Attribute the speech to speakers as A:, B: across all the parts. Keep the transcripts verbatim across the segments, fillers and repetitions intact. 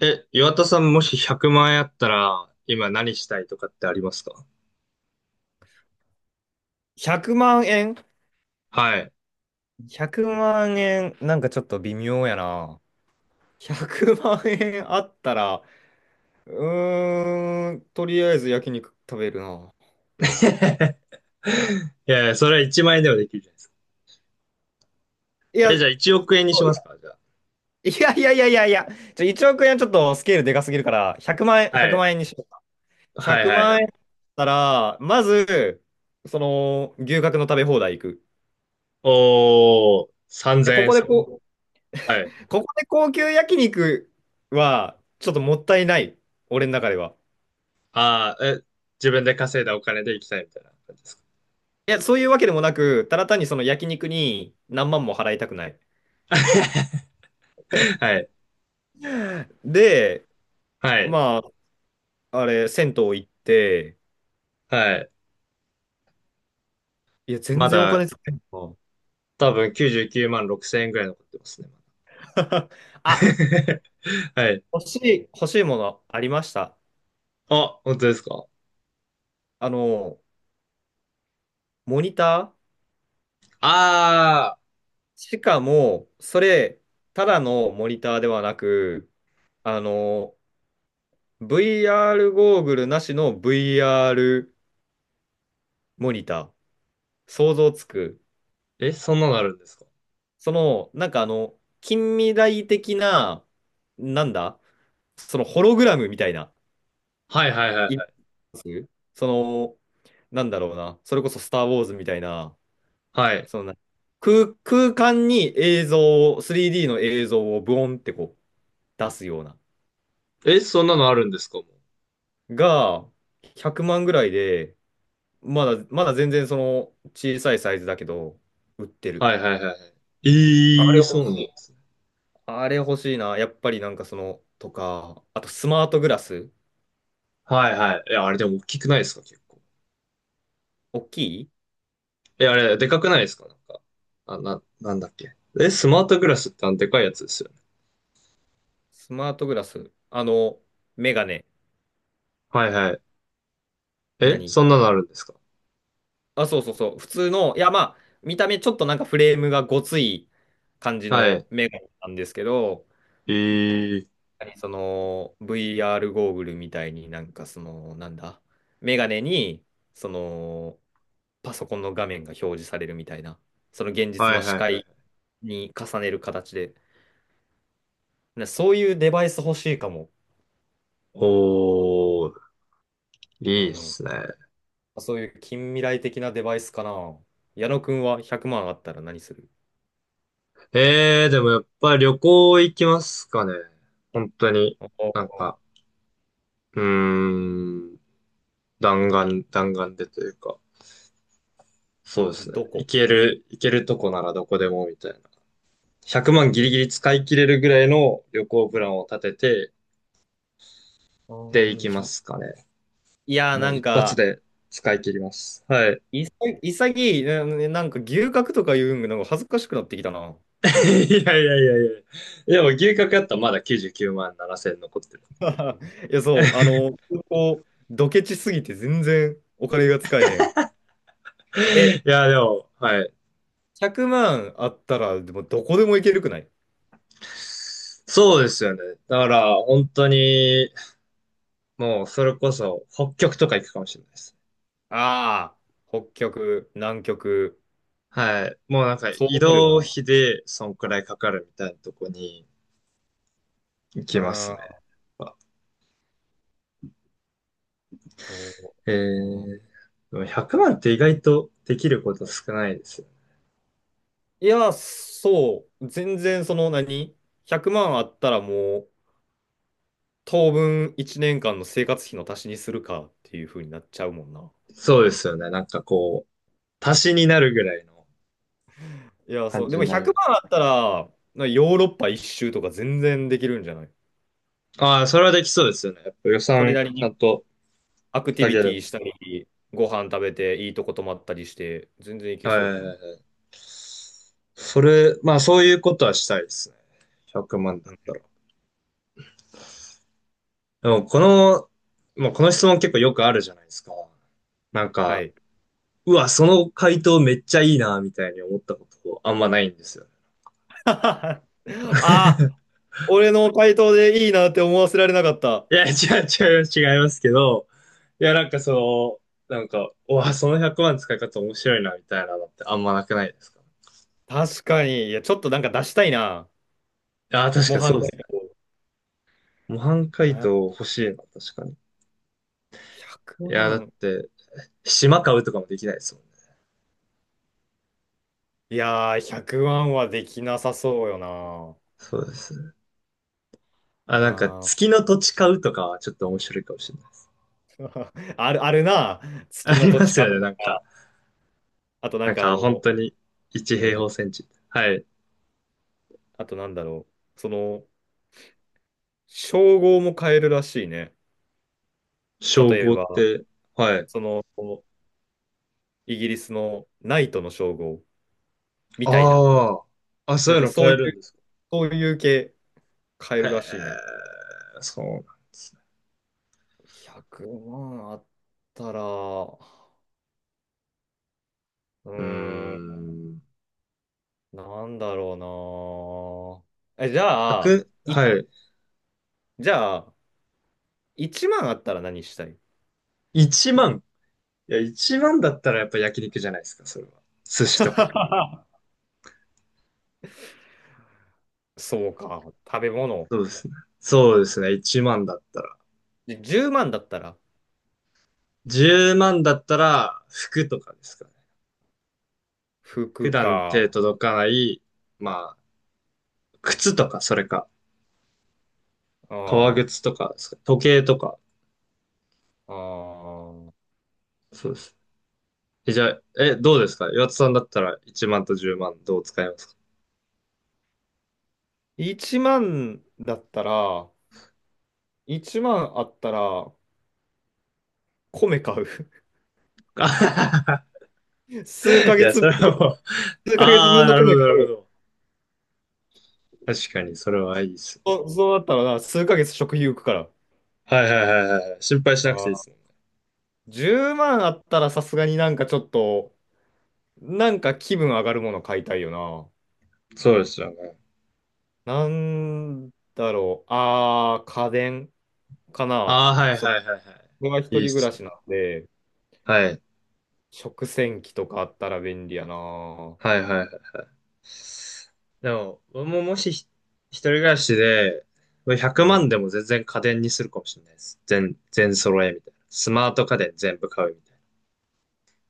A: え、岩田さん、もしひゃくまん円あったら、今何したいとかってありますか？
B: ひゃくまん円。
A: はい。
B: ひゃく 万円、なんかちょっと微妙やな。ひゃくまん円あったら、うーん、とりあえず焼肉食べるな。
A: いやいや、それはいちまん円ではできるじゃないですか。
B: いや、
A: え、じゃ
B: い
A: あいちおく円にしますかじゃあ。
B: やいやいやいやいや、ちょ、いちおく円ちょっとスケールでかすぎるから、ひゃくまん円、
A: は
B: 1
A: い。
B: 万円にしようか。
A: はい
B: 100
A: はいは
B: 万円だ
A: い。
B: ったら、まず、その、牛角の食べ放題行く。い
A: おー、
B: や、
A: 3000
B: こ
A: 円で
B: こで
A: すよ。
B: こ
A: はい。
B: う、ここで高級焼肉は、ちょっともったいない。俺の中では。
A: ああ、え、自分で稼いだお金で行きたいみたいな感じですか。
B: いや、そういうわけでもなく、ただ単にその焼肉に何万も払いたくない。
A: はい。
B: で、
A: はい。
B: まあ、あれ、銭湯行って、
A: はい。
B: いや、全
A: ま
B: 然お
A: だ、
B: 金使えんの。
A: 多分きゅうじゅうきゅうまんろくせんえんぐらい残ってますね。
B: あ、
A: はい。
B: 欲しい、欲しいものありました。
A: あ、本当ですか？
B: あの、モニター。
A: あ
B: しかも、それ、ただのモニターではなく、あの、ブイアール ゴーグルなしの ブイアール モニター。想像つく。
A: あー、え、そんなのあるんですか？
B: その、なんかあの、近未来的な、なんだ、そのホログラムみたいな、
A: はいはいはい
B: イメ
A: はい。
B: ージ。その、なんだろうな、それこそスター・ウォーズみたいな、
A: はい。
B: そのな空、空間に映像を、スリーディー の映像をブオンってこう出すような、
A: え、そんなのあるんですかもう。
B: が、ひゃくまんぐらいで、まだ、まだ全然その小さいサイズだけど、売ってる。
A: はいはいはいはい。え
B: あれ
A: ー、そ
B: 欲
A: うなん
B: し
A: で
B: い。
A: すね。
B: あれ欲しいな。やっぱりなんかその、とか、あとスマートグラス、
A: はいはい。え、あれでも大きくないですか結構。
B: 大きい
A: え、あれ、でかくないですかなんか。あ、な、なんだっけ。え、スマートグラスってあのでかいやつですよね。
B: スマートグラス。あの、メガネ。
A: はいはい。え、
B: 何、
A: そんなのあるんですか？
B: あ、そうそうそう。普通の、いや、まあ、見た目ちょっとなんかフレームがごつい感じ
A: はい。
B: のメガネなんですけど、
A: えー、
B: その ブイアール ゴーグルみたいになんかその、なんだ、メガネに、その、パソコンの画面が表示されるみたいな、その現実
A: は
B: の
A: いは
B: 視
A: いは
B: 界
A: い。
B: に重ねる形で、なそういうデバイス欲しいかも。
A: おー、い
B: う
A: いっ
B: ん。
A: すね。
B: そういう近未来的なデバイスかな。矢野くんはひゃくまんあったら何する？
A: えー、でもやっぱり旅行行きますかね。本当に、
B: あ
A: なん
B: ー、
A: か、うーん、弾丸、弾丸でというか。そうですね。
B: ど
A: い
B: こ？
A: ける、いけるとこならどこでもみたいな。ひゃくまんギ
B: う
A: リ
B: ん、
A: ギリ使い切れるぐらいの旅行プランを立てて、
B: あ
A: で
B: ー、
A: 行
B: でも
A: き
B: いち、
A: ますかね。
B: いやー、
A: も
B: な
A: う
B: ん
A: 一発
B: か、
A: で使い切ります。はい。
B: いさ、潔い、ななんか牛角とか言うんが、なんか恥ずかしくなってきたな。
A: いやいやいやいや。いや、もう牛角やったらまだきゅうじゅうきゅうまんななせん残ってる。
B: いや、そう、あの、こう、ドケチすぎて全然お金が使えへん。
A: い
B: え、
A: や、でも、はい。
B: ひゃくまんあったら、でもどこでも行けるくない？
A: そうですよね。だから、本当に、もう、それこそ、北極とか行くかもしれないです。
B: ああー、北極、南極、
A: はい。もうなんか、
B: そ
A: 移
B: うなる
A: 動
B: よ
A: 費で、そんくらいかかるみたいなとこに行きます
B: な。
A: ね。
B: あーと、
A: え
B: あー、
A: ー、でもひゃくまんって意外とできること少ないですよね。
B: いや、そう、全然その何、ひゃくまんあったらもう、当分いちねんかんの生活費の足しにするかっていう風になっちゃうもんな。
A: そうですよね。なんかこう、足しになるぐらいの
B: いや、そ
A: 感
B: う。で
A: じ
B: も
A: になり
B: 100
A: ま
B: 万
A: す。
B: あったら、なヨーロッパ一周とか全然できるんじゃない？
A: ああ、それはできそうですよね。やっぱ予
B: それ
A: 算
B: なり
A: ちゃ
B: に
A: んと
B: アクティ
A: 下
B: ビ
A: げ
B: テ
A: れば。
B: ィしたり、ご飯食べて、いいとこ泊まったりして、全然いけ
A: はい
B: そう
A: は
B: やけ
A: い
B: ど
A: は
B: な。
A: いはい。それ、まあそういうことはしたいですね。ひゃくまんだ
B: う
A: っ
B: ん、
A: たら。でもこの、まあこの質問結構よくあるじゃないですか。なん
B: は
A: か、
B: い。
A: うわ、その回答めっちゃいいな、みたいに思ったことあんまないんですよ。
B: ああ、俺の回答でいいなって思わせられなかった。
A: いや、違う、違います、違いますけど、いや、なんかその、なんか、うわ、そのひゃくまん使い方面白いな、みたいなのってあんまなくないですか？
B: 確かに。いや、ちょっとなんか出したいな。
A: ああー、確か
B: 模
A: に
B: 範
A: そう
B: 解
A: ですね。模範解答
B: 答。
A: 欲しいな、確かに。い
B: 100
A: や、だっ
B: 万。
A: て、島買うとかもできないですもんね。
B: いやー、ひゃくまんはできなさそうよな。
A: そうですね。あ、なんか、
B: あー
A: 月の土地買うとかはちょっと面白いかもしれないです。
B: ある、あるな。
A: あ
B: 月の
A: り
B: 土
A: ま
B: 地
A: す
B: か。
A: よね、なんか。
B: あとな
A: な
B: ん
A: ん
B: かあ
A: か、本
B: の、
A: 当に、いち
B: う
A: 平方
B: ん。
A: センチ。はい。
B: あとなんだろう。その、称号も変えるらしいね。
A: 称
B: 例え
A: 号っ
B: ば、
A: て、はい。
B: その、イギリスのナイトの称号みたいな。
A: ああ、あ、そういうの
B: そ
A: 買
B: うい
A: える
B: う、
A: んですか？
B: そういう系変えるらしいね。
A: へえ、そうなんです。
B: ひゃくまんあったら、うー
A: うー
B: ん、
A: ん。
B: なんだろうな。え、じゃあ、
A: ひゃく、
B: い、
A: はい。
B: じゃあ、いちまんあったら何したい？
A: いちまん。いや、いちまんだったらやっぱ焼肉じゃないですか、それは。寿司とか。
B: そうか、食べ物。
A: そうですね。そうですね。いちまんだったら。
B: でじゅうまんだったら
A: じゅうまんだったら、服とかですかね。普
B: 服
A: 段
B: か？
A: 手届かない、まあ、靴とか、それか。
B: あ
A: 革靴
B: あ、
A: とかですか。時計とか。
B: ああ。
A: そうです。え、じゃあ、え、どうですか岩田さんだったらいちまんとじゅうまんどう使います
B: いちまんだったら、いちまんあったら米買う。
A: か？あははは。
B: 数 ヶ
A: いや、
B: 月
A: そ
B: 分、
A: れはもう、
B: 数ヶ月
A: あ
B: 分
A: あ、
B: の
A: なる
B: 米
A: ほど、な
B: 買
A: るほ
B: う。
A: ど。確かに、それはいいです。
B: そそうだったらな、数ヶ月食費浮くから。
A: はいはいはいはいはい。心配しなく
B: あ
A: て
B: あ、
A: いいですもんね。
B: じゅうまんあったらさすがになんかちょっと、なんか気分上がるもの買いたいよな。
A: そうですよね。
B: なんだろう。ああ、家電かな。
A: ああ、はい
B: そ
A: は
B: う、
A: いはいは
B: 僕は一
A: い。いいっ
B: 人暮ら
A: すよ
B: し
A: ね。
B: なんで、
A: はい。
B: 食洗機とかあったら便利やな。
A: はいはいはい。でも、僕ももしひ一人暮らしで、
B: う
A: 100
B: ん。
A: 万でも全然家電にするかもしれないです。全、全揃えみたいな。スマート家電全部買うみたいな。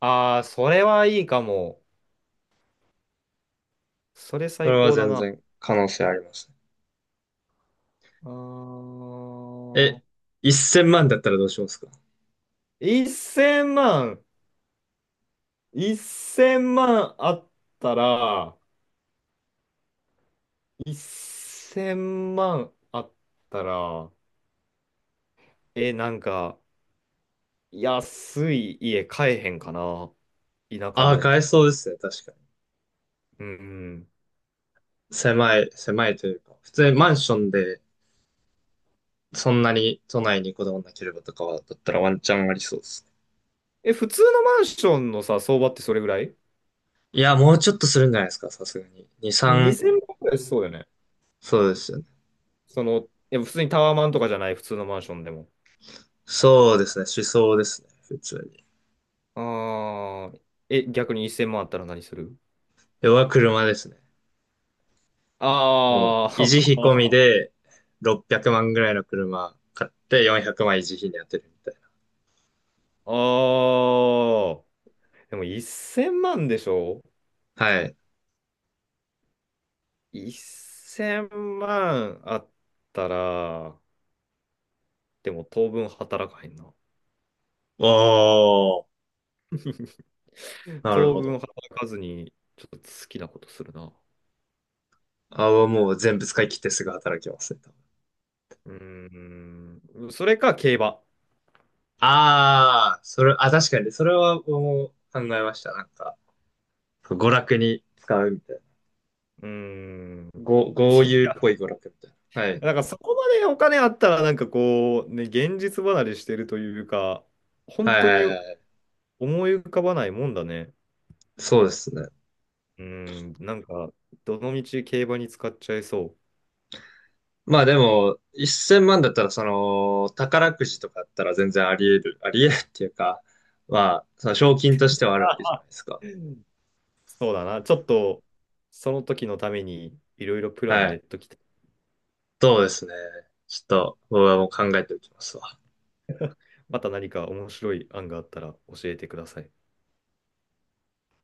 B: ああ、それはいいかも。それ
A: そ
B: 最
A: れは
B: 高だ
A: 全
B: な。
A: 然可能性ありますね。
B: あ
A: え、
B: ー、
A: せんまんだったらどうしますか？
B: せんまん。せんまんあったら、1000万あったら、え、なんか、安い家買えへんかな。田舎
A: ああー、
B: の。
A: 買えそうですね。確かに。
B: うんうん。
A: 狭い、狭いというか。普通にマンションでそんなに都内にこだわらなければとかは、だったらワンチャンありそうですね。
B: え、普通のマンションのさ、相場ってそれぐらい
A: いや、もうちょっとするんじゃないですか、さすがに。に、さん、
B: にせん 万ぐらいしそうよね？
A: そうですよね。
B: その、いや普通にタワーマンとかじゃない、普通のマンションでも。
A: そうですね、思想ですね、普通に。
B: ああ、え、逆にせんまんあったら何する？
A: 要は車ですね。もう、
B: あ
A: 維持
B: あ、
A: 費込みでろっぴゃくまんぐらいの車買ってよんひゃくまん維持費に当てるみたい
B: ああ、でもせんまんでしょ？
A: な。はい。
B: せん 万あったら、でも当分働かへんな。
A: おー、なる
B: 当
A: ほ
B: 分
A: ど。
B: 働かずに、ちょっと好きなことするな。
A: あ、もう全部使い切ってすぐ働きますね。多分。
B: うーん、それか競馬。
A: ああ、それ、あ、確かに、それはもう考えました。なんか、娯楽に使うみたいな。
B: うーん、
A: ご、
B: い
A: 豪遊っ
B: や
A: ぽい娯楽みたいな。はい。
B: なんかそこまでお金あったら、なんかこう、ね、現実離れしてるというか、本
A: はい
B: 当に
A: はいはい。
B: 思い浮かばないもんだね。
A: そうですね。
B: うん、なんか、どのみち競馬に使っちゃいそう。
A: まあでも、せんまんだったら、その、宝くじとかだったら全然あり得る、あり得るっていうか、まあ、その賞金としてはあ るわけじゃ
B: あ、
A: ないですか。
B: そうだな。ちょっと、その時のために、いろいろプラ
A: は
B: ン練っ
A: い。
B: ときて、
A: そうですね。ちょっと、僕はもう考えておきますわ。
B: また何か面白い案があったら教えてください。